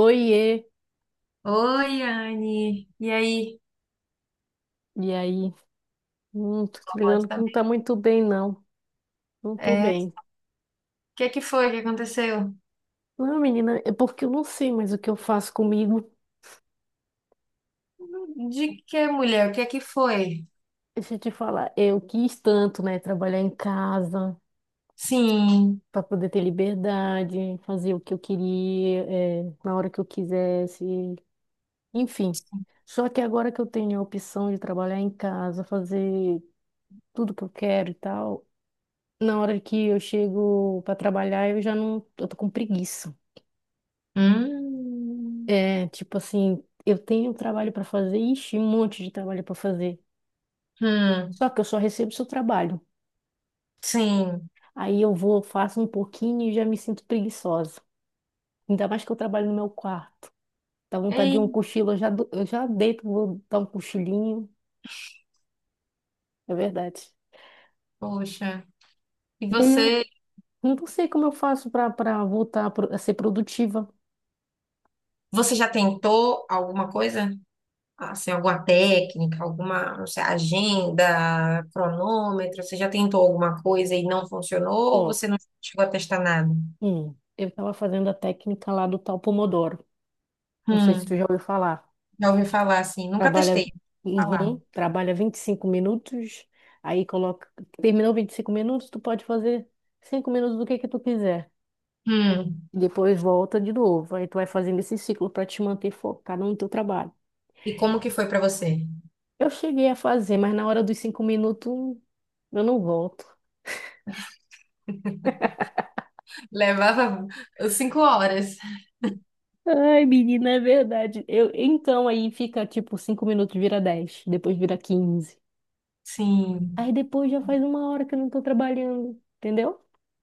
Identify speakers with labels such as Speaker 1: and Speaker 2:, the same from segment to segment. Speaker 1: Oiê,
Speaker 2: Oi, Anne. E aí?
Speaker 1: e aí? Tô te
Speaker 2: Pode
Speaker 1: ligando que não tá
Speaker 2: também.
Speaker 1: muito bem, não. Não tô
Speaker 2: É, o
Speaker 1: bem.
Speaker 2: que é que foi que aconteceu?
Speaker 1: Não, menina, é porque eu não sei mais o que eu faço comigo.
Speaker 2: De que mulher? O que é que foi?
Speaker 1: Deixa eu te falar, eu quis tanto, né, trabalhar em casa
Speaker 2: Sim.
Speaker 1: para poder ter liberdade, fazer o que eu queria, na hora que eu quisesse, enfim. Só que agora que eu tenho a opção de trabalhar em casa, fazer tudo que eu quero e tal, na hora que eu chego para trabalhar, eu já não, eu tô com preguiça.
Speaker 2: Hum.
Speaker 1: É, tipo assim, eu tenho trabalho para fazer, ixi, um monte de trabalho para fazer.
Speaker 2: Hum.
Speaker 1: Só que eu só recebo seu trabalho.
Speaker 2: Sim.
Speaker 1: Aí eu vou, faço um pouquinho e já me sinto preguiçosa. Ainda mais que eu trabalho no meu quarto. Dá vontade de um
Speaker 2: Ei,
Speaker 1: cochilo, eu já, eu já deito, vou dar um cochilinho. É verdade.
Speaker 2: poxa. E
Speaker 1: E aí eu
Speaker 2: você,
Speaker 1: não sei como eu faço para voltar a ser produtiva.
Speaker 2: você já tentou alguma coisa? Assim, alguma técnica, alguma, não sei, agenda, cronômetro? Você já tentou alguma coisa e não funcionou? Ou
Speaker 1: Ó,
Speaker 2: você não chegou a testar nada?
Speaker 1: eu tava fazendo a técnica lá do tal Pomodoro. Não sei se tu
Speaker 2: Hum.
Speaker 1: já ouviu falar.
Speaker 2: Já ouvi falar assim. Nunca
Speaker 1: Trabalha,
Speaker 2: testei. Falar.
Speaker 1: uhum, trabalha 25 minutos, aí coloca, terminou 25 minutos, tu pode fazer 5 minutos do que tu quiser.
Speaker 2: Hum.
Speaker 1: Depois volta de novo. Aí tu vai fazendo esse ciclo para te manter focado no teu trabalho.
Speaker 2: E como que foi pra você?
Speaker 1: Eu cheguei a fazer, mas na hora dos 5 minutos eu não volto.
Speaker 2: Levava 5 horas.
Speaker 1: Ai, menina, é verdade. Então aí fica tipo 5 minutos vira 10 depois vira 15.
Speaker 2: Sim,
Speaker 1: Aí depois já faz 1 hora que eu não tô trabalhando, entendeu?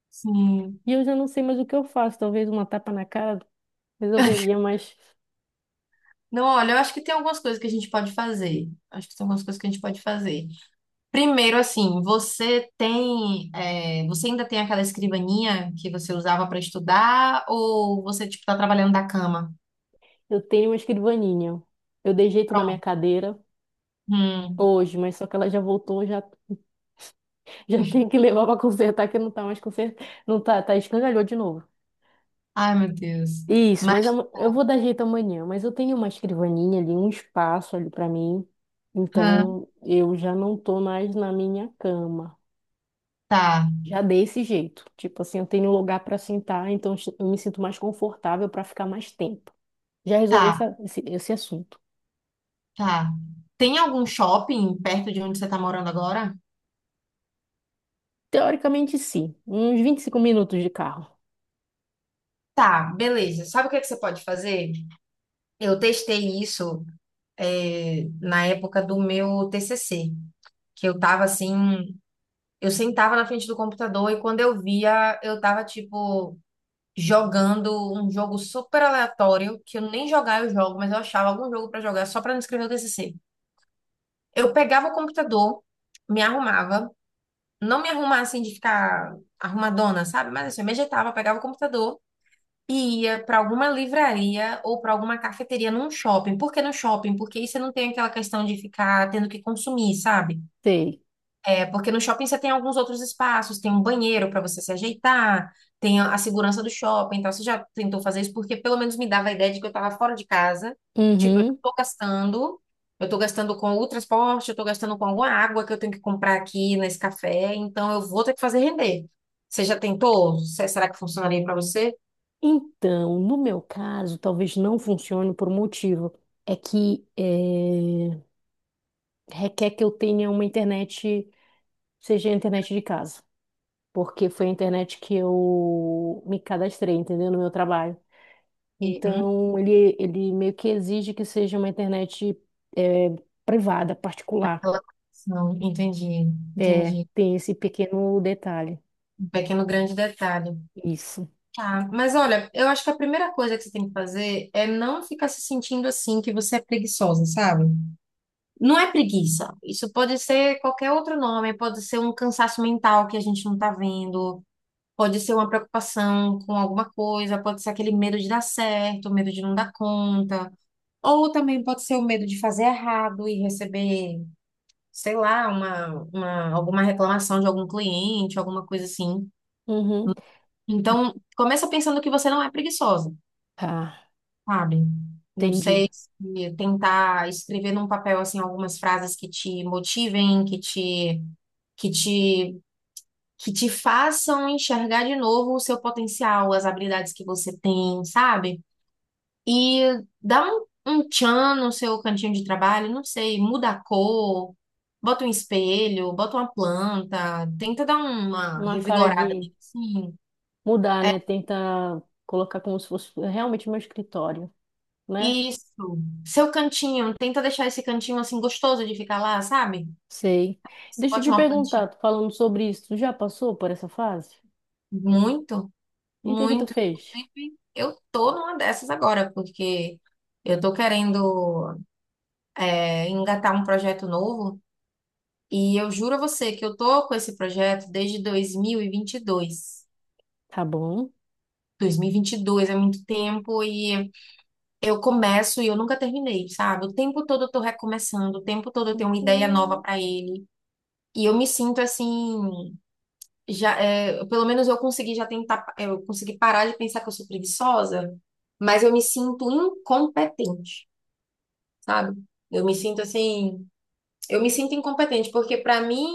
Speaker 2: sim.
Speaker 1: E eu já não sei mais o que eu faço. Talvez uma tapa na cara resolveria, mas
Speaker 2: Não, olha, eu acho que tem algumas coisas que a gente pode fazer. Acho que tem algumas coisas que a gente pode fazer. Primeiro, assim, você tem, é, você ainda tem aquela escrivaninha que você usava para estudar ou você, tipo, tá trabalhando da cama?
Speaker 1: eu tenho uma escrivaninha. Eu dei jeito na minha
Speaker 2: Pronto.
Speaker 1: cadeira
Speaker 2: Hum.
Speaker 1: hoje, mas só que ela já voltou, já, já tenho que levar pra consertar, que não tá mais consertando. Não tá, tá escangalhou de novo.
Speaker 2: Ai, meu Deus.
Speaker 1: Isso,
Speaker 2: Mas,
Speaker 1: eu vou dar jeito amanhã. Mas eu tenho uma escrivaninha ali, um espaço ali pra mim.
Speaker 2: hã,
Speaker 1: Então eu já não tô mais na minha cama.
Speaker 2: tá,
Speaker 1: Já dei esse jeito. Tipo assim, eu tenho um lugar pra sentar, então eu me sinto mais confortável pra ficar mais tempo. Já resolvi
Speaker 2: tá,
Speaker 1: esse assunto.
Speaker 2: tá. Tem algum shopping perto de onde você tá morando agora?
Speaker 1: Teoricamente, sim. Uns 25 minutos de carro.
Speaker 2: Tá, beleza. Sabe o que que você pode fazer? Eu testei isso é, na época do meu TCC, que eu tava assim, eu sentava na frente do computador e quando eu via, eu tava tipo jogando um jogo super aleatório, que eu nem jogar eu jogo, mas eu achava algum jogo pra jogar só pra não escrever o TCC. Eu pegava o computador, me arrumava, não me arrumava assim de ficar arrumadona, sabe? Mas assim, eu me ajeitava, pegava o computador e ia para alguma livraria ou para alguma cafeteria num shopping. Por que no shopping? Porque aí você não tem aquela questão de ficar tendo que consumir, sabe?
Speaker 1: Sei.
Speaker 2: É porque no shopping você tem alguns outros espaços, tem um banheiro para você se ajeitar, tem a segurança do shopping. Então você já tentou fazer isso porque pelo menos me dava a ideia de que eu estava fora de casa, tipo, eu
Speaker 1: Uhum.
Speaker 2: estou gastando. Eu estou gastando com o transporte, eu estou gastando com alguma água que eu tenho que comprar aqui nesse café, então eu vou ter que fazer render. Você já tentou? Será que funcionaria para você?
Speaker 1: Então, no meu caso, talvez não funcione por um motivo. É que requer que eu tenha uma internet, seja a internet de casa. Porque foi a internet que eu me cadastrei, entendeu? No meu trabalho. Então, ele meio que exige que seja uma internet eh, privada, particular.
Speaker 2: Aquela conexão. Entendi,
Speaker 1: É,
Speaker 2: entendi.
Speaker 1: tem esse pequeno detalhe.
Speaker 2: Um pequeno grande detalhe.
Speaker 1: Isso.
Speaker 2: Tá. Mas olha, eu acho que a primeira coisa que você tem que fazer é não ficar se sentindo assim que você é preguiçosa, sabe? Não é preguiça. Isso pode ser qualquer outro nome, pode ser um cansaço mental que a gente não tá vendo, pode ser uma preocupação com alguma coisa, pode ser aquele medo de dar certo, medo de não dar conta, ou também pode ser o medo de fazer errado e receber sei lá, alguma reclamação de algum cliente, alguma coisa assim.
Speaker 1: Uhum.
Speaker 2: Então, começa pensando que você não é preguiçosa,
Speaker 1: Ah,
Speaker 2: sabe? Não
Speaker 1: entendi.
Speaker 2: sei se tentar escrever num papel assim algumas frases que te motivem, que te que te façam enxergar de novo o seu potencial, as habilidades que você tem, sabe? E dá um tchan no seu cantinho de trabalho, não sei, muda a cor, bota um espelho, bota uma planta, tenta dar uma
Speaker 1: Uma cara
Speaker 2: revigorada
Speaker 1: de
Speaker 2: nele, assim.
Speaker 1: mudar,
Speaker 2: É
Speaker 1: né? Tenta colocar como se fosse realmente meu escritório, né?
Speaker 2: isso. Seu cantinho, tenta deixar esse cantinho assim gostoso de ficar lá, sabe?
Speaker 1: Sei.
Speaker 2: Você
Speaker 1: Deixa eu
Speaker 2: bote
Speaker 1: te
Speaker 2: uma plantinha.
Speaker 1: perguntar, tu falando sobre isso, tu já passou por essa fase?
Speaker 2: Muito,
Speaker 1: E o que que tu
Speaker 2: muito.
Speaker 1: fez?
Speaker 2: Inclusive, eu tô numa dessas agora, porque eu tô querendo é, engatar um projeto novo. E eu juro a você que eu tô com esse projeto desde dois mil e vinte e dois.
Speaker 1: Tá bom.
Speaker 2: Dois mil e vinte e dois é muito tempo e eu começo e eu nunca terminei, sabe? O tempo todo eu tô recomeçando, o tempo todo eu tenho uma ideia nova
Speaker 1: Uhum.
Speaker 2: pra ele. E eu me sinto assim, já, é, pelo menos eu consegui já tentar, é, eu consegui parar de pensar que eu sou preguiçosa, mas eu me sinto incompetente, sabe? Eu me sinto assim, eu me sinto incompetente, porque pra mim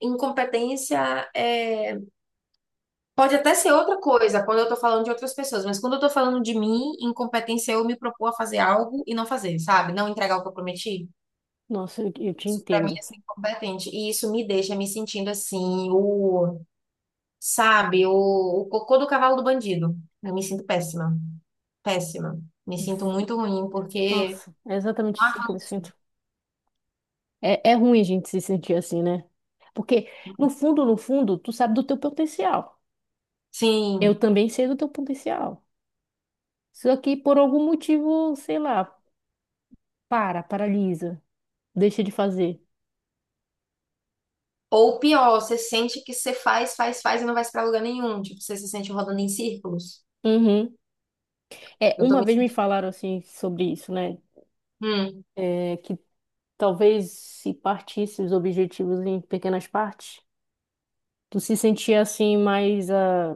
Speaker 2: incompetência é pode até ser outra coisa quando eu tô falando de outras pessoas, mas quando eu tô falando de mim, incompetência é eu me propor a fazer algo e não fazer, sabe? Não entregar o que eu prometi.
Speaker 1: Nossa, eu te
Speaker 2: Isso pra mim
Speaker 1: entendo.
Speaker 2: é ser incompetente. E isso me deixa me sentindo assim, o, sabe, o cocô do cavalo do bandido. Eu me sinto péssima, péssima. Me sinto muito ruim porque
Speaker 1: Nossa, é exatamente
Speaker 2: não
Speaker 1: assim que eu me
Speaker 2: avanço.
Speaker 1: sinto. É, é ruim a gente se sentir assim, né? Porque, no fundo, no fundo, tu sabe do teu potencial. Eu
Speaker 2: Sim.
Speaker 1: também sei do teu potencial. Só que, por algum motivo, sei lá, paralisa. Deixa de fazer.
Speaker 2: Ou pior, você sente que você faz, faz, faz e não vai pra lugar nenhum. Tipo, você se sente rodando em círculos.
Speaker 1: Uhum. É,
Speaker 2: Eu tô
Speaker 1: uma
Speaker 2: me
Speaker 1: vez me
Speaker 2: sentindo.
Speaker 1: falaram assim sobre isso, né?
Speaker 2: Hum,
Speaker 1: É, que talvez se partisse os objetivos em pequenas partes, tu se sentia assim mais,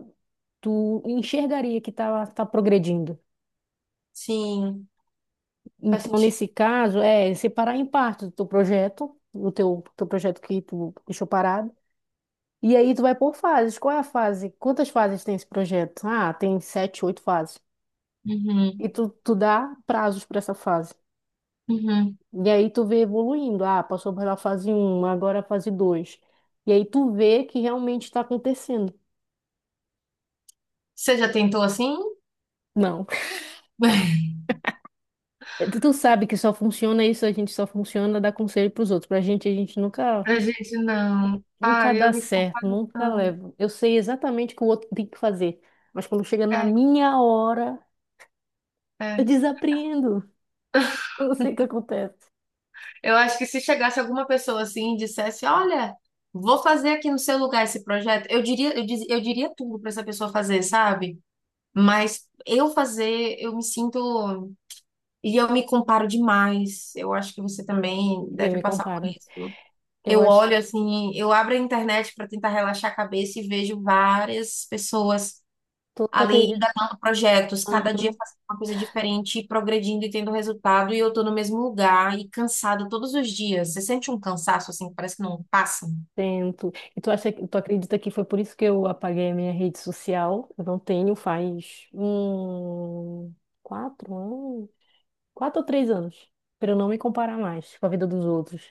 Speaker 1: tu enxergaria que tá, tá progredindo.
Speaker 2: sim, faz
Speaker 1: Então,
Speaker 2: sentido.
Speaker 1: nesse caso, é separar em partes o teu projeto, teu projeto que tu deixou parado. E aí tu vai por fases. Qual é a fase? Quantas fases tem esse projeto? Ah, tem sete, oito fases. E
Speaker 2: Uhum,
Speaker 1: tu dá prazos para essa fase.
Speaker 2: uhum.
Speaker 1: E aí tu vê evoluindo. Ah, passou pela fase um agora a fase dois. E aí tu vê que realmente está acontecendo.
Speaker 2: Você já tentou assim?
Speaker 1: Não. Tu sabe que só funciona isso, a gente só funciona dar conselho pros outros. Pra gente, a gente nunca,
Speaker 2: Pra gente não. Ah,
Speaker 1: nunca dá
Speaker 2: eu me
Speaker 1: certo,
Speaker 2: confundo.
Speaker 1: nunca leva. Eu sei exatamente o que o outro tem que fazer. Mas quando chega na minha hora,
Speaker 2: É,
Speaker 1: eu
Speaker 2: é.
Speaker 1: desapreendo. Eu não sei o que acontece.
Speaker 2: Eu acho que se chegasse alguma pessoa assim e dissesse, olha, vou fazer aqui no seu lugar esse projeto, eu diria, eu diria tudo pra essa pessoa fazer, sabe? Mas eu fazer, eu me sinto e eu me comparo demais. Eu acho que você também
Speaker 1: Eu
Speaker 2: deve
Speaker 1: me
Speaker 2: passar por
Speaker 1: comparo.
Speaker 2: isso.
Speaker 1: Eu
Speaker 2: Eu
Speaker 1: acho.
Speaker 2: olho assim, eu abro a internet pra tentar relaxar a cabeça e vejo várias pessoas
Speaker 1: Tu
Speaker 2: ali
Speaker 1: acredita?
Speaker 2: engatando projetos, cada dia
Speaker 1: Aham.
Speaker 2: fazendo uma coisa diferente, e progredindo e tendo resultado, e eu tô no mesmo lugar e cansada todos os dias. Você sente um cansaço assim, que parece que não passa?
Speaker 1: Tento. E tu acha, tu acredita que foi por isso que eu apaguei a minha rede social? Eu não tenho faz 4 anos, 4 ou 3 anos, para eu não me comparar mais com a vida dos outros.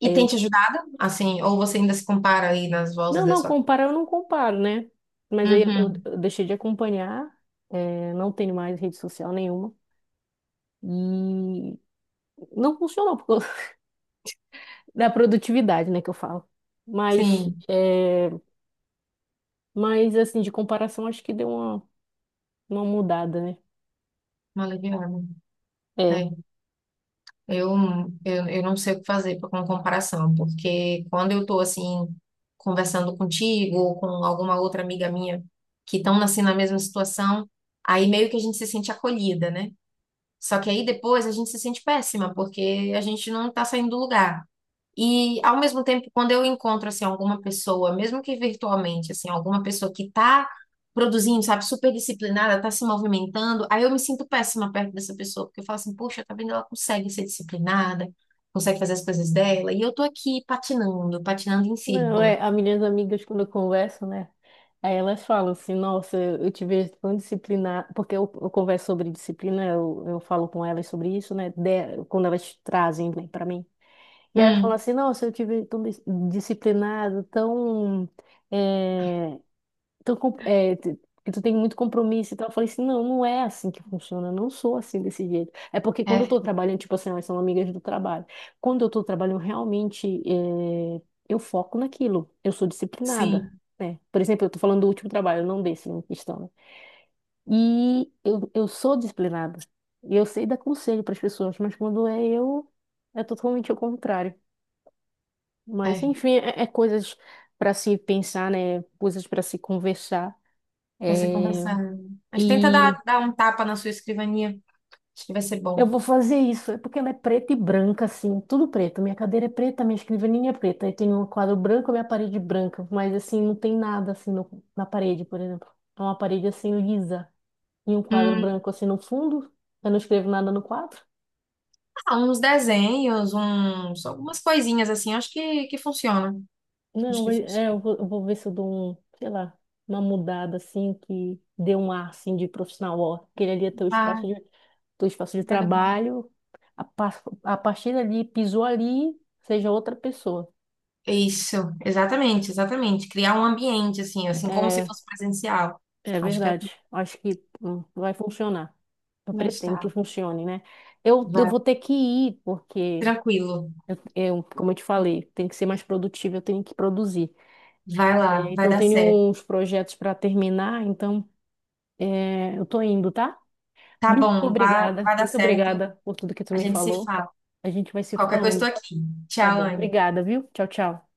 Speaker 2: E
Speaker 1: Aí
Speaker 2: tem
Speaker 1: eu,
Speaker 2: te ajudado? Assim, ou você ainda se compara aí nas vozes
Speaker 1: não,
Speaker 2: da
Speaker 1: não,
Speaker 2: sua.
Speaker 1: comparar eu não comparo, né? Mas aí eu,
Speaker 2: Uhum,
Speaker 1: eu deixei de acompanhar, é, não tenho mais rede social nenhuma. E não funcionou por causa da produtividade, né, que eu falo. Mas,
Speaker 2: sim,
Speaker 1: é, mas assim, de comparação, acho que deu uma mudada, né?
Speaker 2: uma aliviada.
Speaker 1: É.
Speaker 2: É, eu, eu não sei o que fazer pra- com comparação, porque quando eu tô assim, conversando contigo ou com alguma outra amiga minha que estão assim na mesma situação, aí meio que a gente se sente acolhida, né? Só que aí depois a gente se sente péssima, porque a gente não tá saindo do lugar. E ao mesmo tempo, quando eu encontro assim alguma pessoa, mesmo que virtualmente, assim, alguma pessoa que tá produzindo, sabe, super disciplinada, tá se movimentando, aí eu me sinto péssima perto dessa pessoa, porque eu falo assim, poxa, tá vendo, ela consegue ser disciplinada, consegue fazer as coisas dela, e eu tô aqui patinando, patinando em
Speaker 1: Não,
Speaker 2: círculo.
Speaker 1: é, as minhas amigas, quando eu converso, né? Aí elas falam assim, nossa, eu te vejo tão disciplinar, porque eu converso sobre disciplina, eu falo com elas sobre isso, né? Quando elas trazem, né, para mim. E elas falam
Speaker 2: Hum,
Speaker 1: assim, nossa, eu te vejo tão disciplinado, tão eh, tão, é, que tu tem muito compromisso e tal. Eu falei assim, não, não é assim que funciona, eu não sou assim desse jeito. É porque quando
Speaker 2: é,
Speaker 1: eu tô trabalhando, tipo assim, elas são amigas do trabalho. Quando eu tô trabalhando, realmente, eu foco naquilo, eu sou disciplinada.
Speaker 2: sim,
Speaker 1: Né? Por exemplo, eu tô falando do último trabalho, não desse, não questão. Né? E eu sou disciplinada. E eu sei dar conselho para as pessoas, mas quando é eu, é totalmente o contrário. Mas,
Speaker 2: é,
Speaker 1: enfim, é coisas para se pensar, né? Coisas para se conversar.
Speaker 2: vai ser
Speaker 1: É,
Speaker 2: conversar. Mas tenta dar,
Speaker 1: e
Speaker 2: dar um tapa na sua escrivaninha, acho que vai ser
Speaker 1: eu
Speaker 2: bom.
Speaker 1: vou fazer isso. É porque ela é preta e branca, assim, tudo preto. Minha cadeira é preta, minha escrivaninha é preta. Aí tem um quadro branco, minha parede branca. Mas, assim, não tem nada, assim, na parede, por exemplo. É uma parede, assim, lisa. E um quadro
Speaker 2: Hum.
Speaker 1: branco, assim, no fundo. Eu não escrevo nada no quadro.
Speaker 2: Ah, uns desenhos, uns, algumas coisinhas assim, acho que funciona. Acho
Speaker 1: Não,
Speaker 2: que
Speaker 1: é,
Speaker 2: funciona.
Speaker 1: eu vou ver se eu dou um, sei lá, uma mudada, assim, que dê um ar, assim, de profissional. Ó, aquele ali é
Speaker 2: Ah,
Speaker 1: teu espaço de
Speaker 2: nada bom.
Speaker 1: trabalho. A partir dali, pisou ali, seja outra pessoa.
Speaker 2: Isso, exatamente, exatamente. Criar um ambiente, assim, assim, como se
Speaker 1: É,
Speaker 2: fosse presencial.
Speaker 1: é
Speaker 2: Acho que é
Speaker 1: verdade. Acho que vai funcionar. Eu
Speaker 2: mas
Speaker 1: pretendo que
Speaker 2: tá.
Speaker 1: funcione, né? Eu
Speaker 2: Vai,
Speaker 1: vou ter que ir, porque,
Speaker 2: tranquilo.
Speaker 1: eu, como eu te falei, tem que ser mais produtivo, eu tenho que produzir.
Speaker 2: Vai lá,
Speaker 1: É,
Speaker 2: vai
Speaker 1: então, eu
Speaker 2: dar
Speaker 1: tenho
Speaker 2: certo.
Speaker 1: uns projetos para terminar, então é, eu tô indo, tá?
Speaker 2: Tá bom, vai, vai dar
Speaker 1: Muito
Speaker 2: certo.
Speaker 1: obrigada por tudo que tu
Speaker 2: A
Speaker 1: me
Speaker 2: gente se
Speaker 1: falou.
Speaker 2: fala.
Speaker 1: A gente vai se
Speaker 2: Qualquer coisa, estou
Speaker 1: falando,
Speaker 2: aqui.
Speaker 1: tá
Speaker 2: Tchau,
Speaker 1: bom?
Speaker 2: Anne.
Speaker 1: Obrigada, viu? Tchau, tchau.